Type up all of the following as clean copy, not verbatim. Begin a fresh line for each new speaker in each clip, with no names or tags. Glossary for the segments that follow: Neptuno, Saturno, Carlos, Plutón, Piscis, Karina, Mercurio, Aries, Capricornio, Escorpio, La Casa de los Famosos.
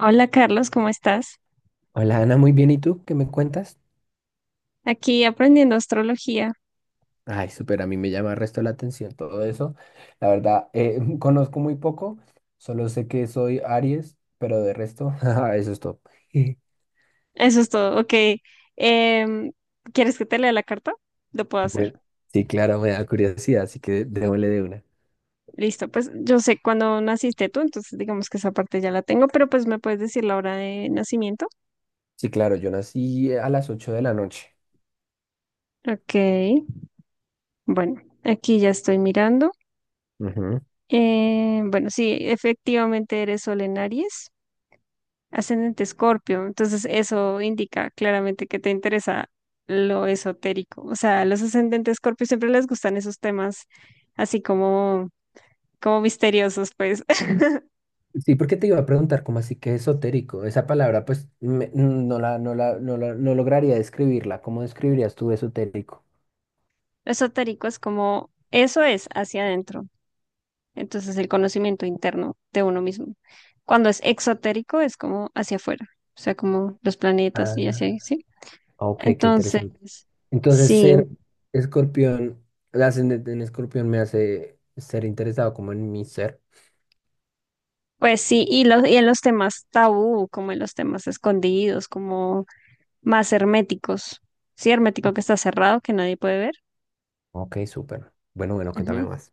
Hola Carlos, ¿cómo estás?
Hola Ana, muy bien. ¿Y tú qué me cuentas?
Aquí aprendiendo astrología.
Ay, súper, a mí me llama el resto la atención todo eso. La verdad, conozco muy poco, solo sé que soy Aries, pero de resto, ajá, eso es todo.
Eso es todo. Ok. Em, ¿Quieres que te lea la carta? Lo puedo hacer.
Bueno, sí, claro, me da curiosidad, así que démosle de una.
Listo. Pues yo sé cuándo naciste tú, entonces digamos que esa parte ya la tengo, pero pues me puedes decir la hora de nacimiento.
Sí, claro, yo nací a las 8 de la noche.
Ok. Bueno, aquí ya estoy mirando.
Ujú.
Bueno, sí, efectivamente eres Sol en Aries. Ascendente Escorpio, entonces eso indica claramente que te interesa lo esotérico. O sea, a los ascendentes Escorpio siempre les gustan esos temas así como misteriosos, pues.
Sí, porque te iba a preguntar cómo así que esotérico. Esa palabra, pues, no la, no lograría describirla. ¿Cómo describirías tú esotérico?
Lo esotérico es como, eso es hacia adentro, entonces el conocimiento interno de uno mismo. Cuando es exotérico es como hacia afuera, o sea, como los planetas y así,
Ah,
¿sí?
ok, qué
Entonces,
interesante. Entonces,
sí,
ser escorpión, el ascendente en escorpión me hace ser interesado como en mi ser.
pues sí, y en los temas tabú, como en los temas escondidos, como más herméticos. Sí, hermético que está cerrado, que nadie puede ver.
Ok, súper. Bueno, bueno, cuéntame
Ujú.
más.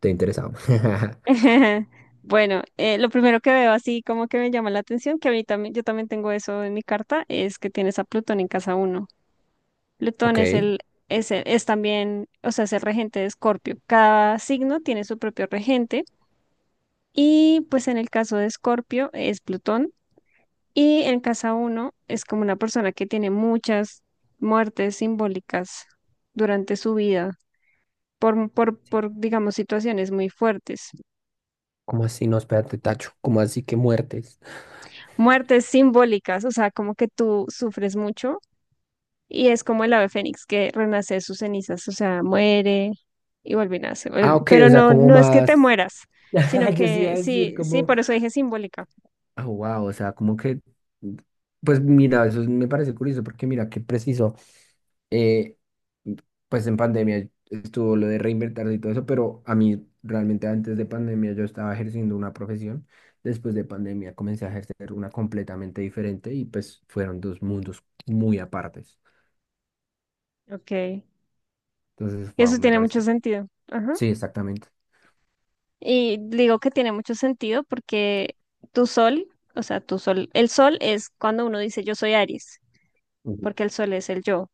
Te he interesado.
Bueno, lo primero que veo así como que me llama la atención, que a mí también, yo también tengo eso en mi carta, es que tienes a Plutón en casa uno. Plutón
Ok.
es también, o sea, es el regente de Escorpio. Cada signo tiene su propio regente y pues en el caso de Escorpio es Plutón y en casa uno es como una persona que tiene muchas muertes simbólicas durante su vida por, digamos, situaciones muy fuertes,
¿Cómo así? No, espérate, Tacho. ¿Cómo así que muertes?
muertes simbólicas, o sea, como que tú sufres mucho y es como el ave fénix que renace de sus cenizas, o sea, muere y vuelve y nace,
Ah, ok,
pero
o sea,
no,
como
no es que te
más.
mueras, sino
Yo sí iba a
que
decir
sí, sí,
como.
por eso dije simbólica,
Ah, wow, o sea, como que. Pues mira, eso me parece curioso porque mira, qué preciso. eh, pues en pandemia estuvo lo de reinventarse y todo eso, pero a mí realmente antes de pandemia yo estaba ejerciendo una profesión, después de pandemia comencé a ejercer una completamente diferente y pues fueron dos mundos muy apartes.
ok, y
Entonces, wow,
eso
me
tiene mucho
parece.
sentido, ajá,
Sí, exactamente.
y digo que tiene mucho sentido porque tu sol, o sea, tu sol, el sol es cuando uno dice yo soy Aries,
Ujú.
porque el sol es el yo.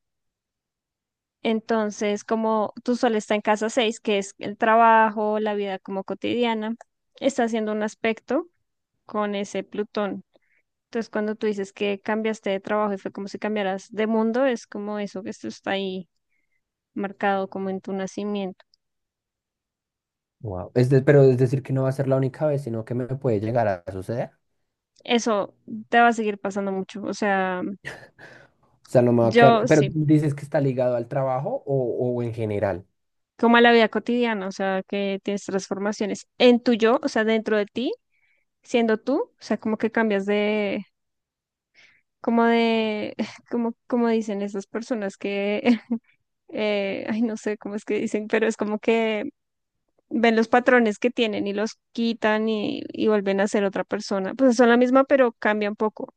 Entonces, como tú solo está en casa 6, que es el trabajo, la vida como cotidiana, está haciendo un aspecto con ese Plutón. Entonces, cuando tú dices que cambiaste de trabajo y fue como si cambiaras de mundo, es como eso que esto está ahí marcado como en tu nacimiento.
Wow. Pero es decir que no va a ser la única vez, sino que me puede llegar a suceder.
Eso te va a seguir pasando mucho. O sea,
O sea, no me va a quedar.
yo
Pero tú
sí,
dices que está ligado al trabajo o en general,
como a la vida cotidiana, o sea, que tienes transformaciones en tu yo, o sea, dentro de ti, siendo tú, o sea, como que cambias de como de, como, como dicen esas personas que, ay, no sé cómo es que dicen, pero es como que ven los patrones que tienen y los quitan y vuelven a ser otra persona. Pues son la misma, pero cambia un poco.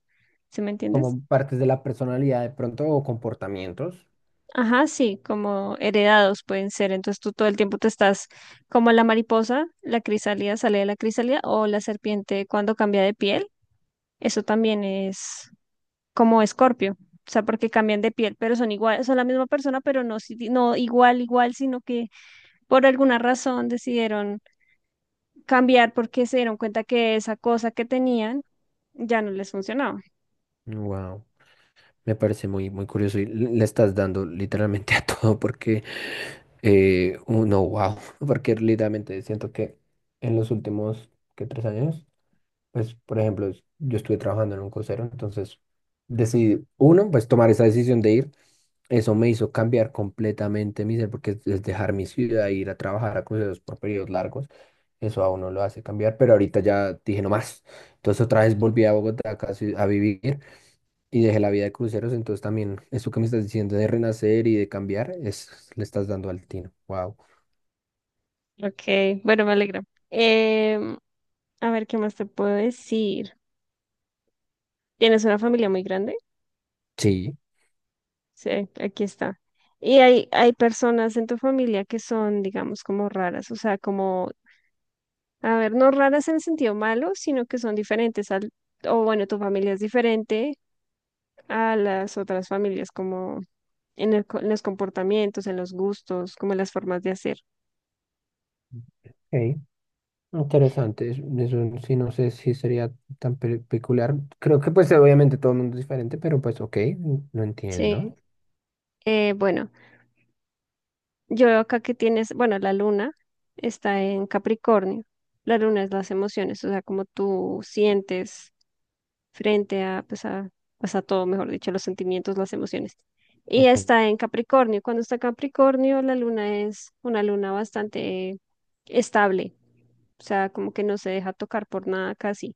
¿Sí me entiendes?
como partes de la personalidad de pronto o comportamientos.
Ajá, sí, como heredados pueden ser. Entonces tú todo el tiempo te estás como la mariposa, la crisálida sale de la crisálida o la serpiente cuando cambia de piel. Eso también es como Escorpio, o sea, porque cambian de piel, pero son igual, son la misma persona, pero no, no igual, igual, sino que por alguna razón decidieron cambiar porque se dieron cuenta que esa cosa que tenían ya no les funcionaba.
Wow. Me parece muy, muy curioso y le estás dando literalmente a todo porque, uno, wow, porque literalmente siento que en los últimos, ¿qué? 3 años, pues, por ejemplo, yo estuve trabajando en un crucero, entonces decidí, uno, pues tomar esa decisión de ir, eso me hizo cambiar completamente mi ser, porque es dejar mi ciudad e ir a trabajar a cruceros por periodos largos, eso a uno lo hace cambiar, pero ahorita ya dije no más, entonces otra vez volví a Bogotá casi a vivir. Y dejé la vida de cruceros, entonces también eso que me estás diciendo de renacer y de cambiar, es, le estás dando al tino. Wow.
Ok, bueno, me alegra. Em, a ver, ¿qué más te puedo decir? ¿Tienes una familia muy grande?
Sí.
Sí, aquí está. Y hay personas en tu familia que son, digamos, como raras, o sea, como a ver, no raras en el sentido malo, sino que son diferentes al, o bueno, tu familia es diferente a las otras familias, como en los comportamientos, en los gustos, como en las formas de hacer.
Ok, interesante, eso sí, no sé si sería peculiar. Creo que pues obviamente todo el mundo es diferente, pero pues ok, lo entiendo.
Sí. Bueno, yo veo acá que tienes, bueno, la luna está en Capricornio. La luna es las emociones, o sea, como tú sientes. Frente a, pues a, pues a todo, mejor dicho, los sentimientos, las emociones. Y
Ujú,
está en Capricornio. Cuando está Capricornio, la luna es una luna bastante estable, o sea, como que no se deja tocar por nada casi.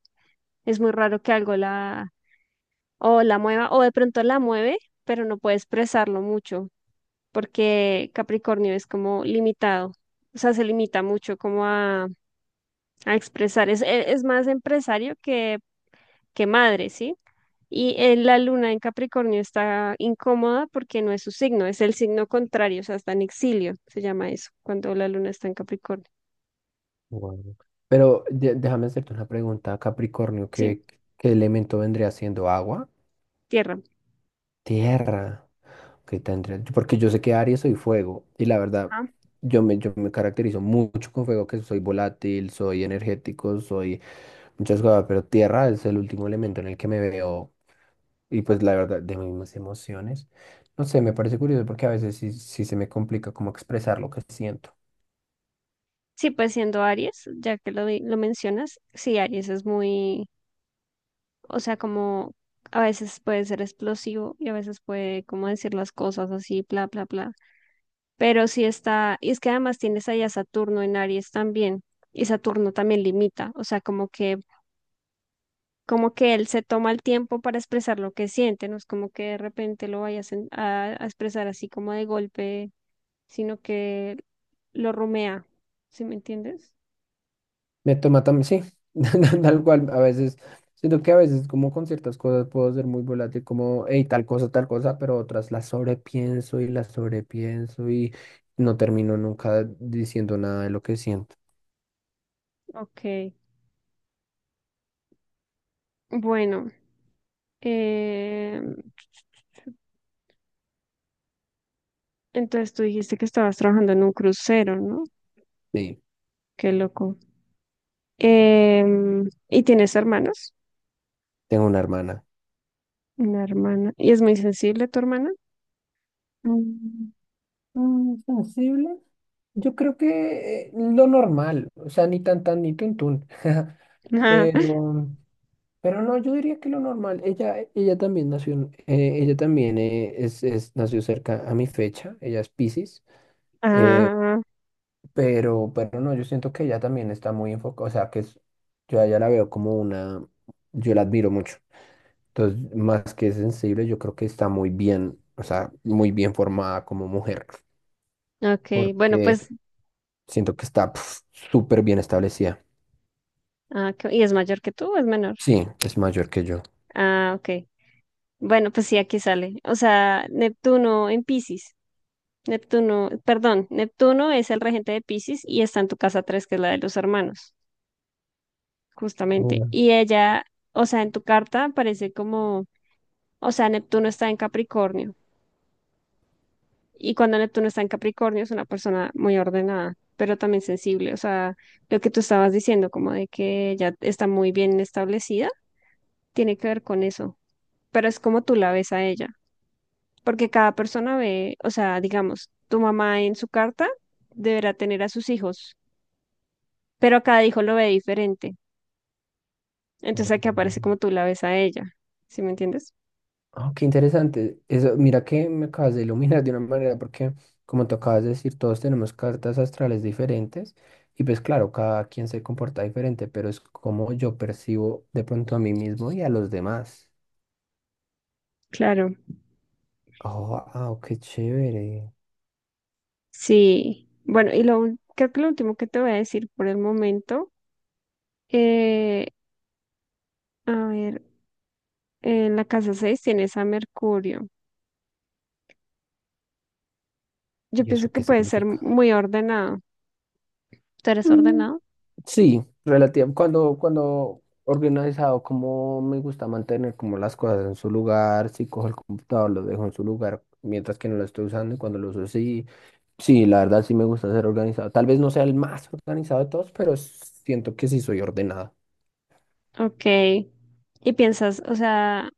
Es muy raro que algo la o la mueva o de pronto la mueve, pero no puede expresarlo mucho porque Capricornio es como limitado. O sea, se limita mucho como a expresar. Es más empresario que madre, ¿sí? Y la luna en Capricornio está incómoda porque no es su signo, es el signo contrario, o sea, está en exilio, se llama eso, cuando la luna está en Capricornio.
guau. Déjame hacerte una pregunta, Capricornio,
Sí,
¿qué, qué elemento vendría siendo agua?
tierra.
Tierra. Ok, tendría. Porque yo sé que Aries soy fuego. Y la verdad,
Ajá.
yo me caracterizo mucho con fuego, que soy volátil, soy energético, soy muchas cosas. Pero tierra es el último elemento en el que me veo. Y pues la verdad, de mis emociones. No sé, me parece curioso porque a veces sí, sí se me complica como expresar lo que siento.
Sí, pues siendo Aries, ya que lo mencionas, sí, Aries es muy, o sea, como a veces puede ser explosivo y a veces puede como decir las cosas así, bla, bla, bla. Pero sí está, y es que además tienes ahí a Saturno en Aries también, y Saturno también limita, o sea, como que él se toma el tiempo para expresar lo que siente, no es como que de repente lo vayas a expresar así como de golpe, sino que lo rumea, ¿sí me entiendes?
Me toma también, sí, tal cual, a veces, siento que a veces como con ciertas cosas puedo ser muy volátil, como, hey, tal cosa, pero otras las sobrepienso y no termino nunca diciendo nada de lo que siento.
Ok, bueno, eh, entonces tú dijiste que estabas trabajando en un crucero, ¿no?
Sí,
Qué loco. ¿Y tienes hermanos?
tengo una hermana.
Una hermana. ¿Y es muy sensible tu hermana?
Mm, mm. Sensible. Yo creo que lo normal, o sea, ni tan tan ni tun tun, pero Pero no, yo diría que lo normal, ella también nació, ella también nació cerca a mi fecha, ella es Piscis, eh,
Ah,
pero no, yo siento que ella también está muy enfocada, o sea, que es, yo a ella la veo como una, yo la admiro mucho, entonces, más que sensible, yo creo que está muy bien, o sea, muy bien formada como mujer,
ok. Bueno, pues,
porque siento que está pf, súper bien establecida.
ah, ¿y es mayor que tú o es menor?
Sí, es mayor que yo.
Ah, ok. Bueno, pues sí, aquí sale. O sea, Neptuno en Piscis. Neptuno, perdón, Neptuno es el regente de Piscis y está en tu casa 3, que es la de los hermanos, justamente. Y ella, o sea, en tu carta aparece como, o sea, Neptuno está en Capricornio. Y cuando Neptuno está en Capricornio es una persona muy ordenada, pero también sensible. O sea, lo que tú estabas diciendo, como de que ella está muy bien establecida, tiene que ver con eso. Pero es como tú la ves a ella. Porque cada persona ve, o sea, digamos, tu mamá en su carta deberá tener a sus hijos, pero cada hijo lo ve diferente. Entonces aquí
Wow.
aparece como tú la ves a ella, ¿sí me entiendes?
Ah, qué interesante. Eso, mira que me acabas de iluminar de una manera, porque como te acabas de decir, todos tenemos cartas astrales diferentes y pues claro, cada quien se comporta diferente, pero es como yo percibo de pronto a mí mismo y a los demás.
Claro,
Oh, wow, qué chévere.
sí. Bueno, y creo que lo último que te voy a decir por el momento, eh, a ver, en la casa 6 tienes a Mercurio. Yo
¿Y
pienso
eso
que
qué
puede ser
significa?
muy ordenado. ¿Tú eres ordenado?
Sí, relativa. Cuando organizado, como me gusta mantener como las cosas en su lugar, si cojo el computador, lo dejo en su lugar, mientras que no lo estoy usando y cuando lo uso, sí, sí, la verdad sí me gusta ser organizado. Tal vez no sea el más organizado de todos, pero siento que sí soy ordenado.
Ok. Y piensas, o sea,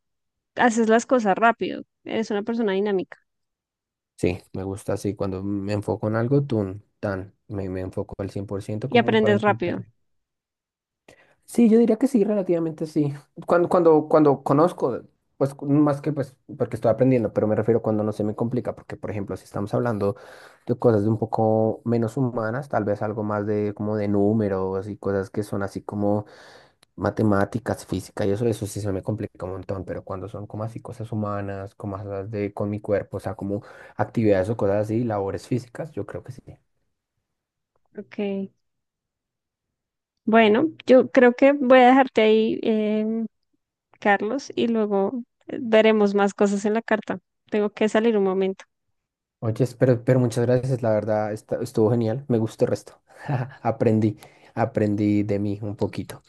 haces las cosas rápido. Eres una persona dinámica.
Sí, me gusta así. Cuando me enfoco en algo, tun, tan, me enfoco al 100%
Y
como para
aprendes rápido.
intentar. Sí, yo diría que sí, relativamente sí. Cuando conozco, pues más que pues porque estoy aprendiendo, pero me refiero cuando no se me complica, porque por ejemplo, si estamos hablando de cosas de un poco menos humanas, tal vez algo más de como de números y cosas que son así como matemáticas, física y eso sí se me complica un montón, pero cuando son como así cosas humanas, como cosas de con mi cuerpo, o sea, como actividades o cosas así, labores físicas, yo creo que sí.
Ok. Bueno, yo creo que voy a dejarte ahí, Carlos, y luego veremos más cosas en la carta. Tengo que salir un momento.
Oye, pero muchas gracias, la verdad estuvo genial, me gustó el resto. Aprendí, aprendí de mí un poquito.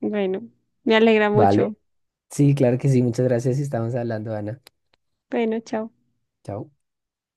Bueno, me alegra mucho.
Vale. Sí, claro que sí, muchas gracias y estamos hablando, Ana.
Bueno, chao.
Chao.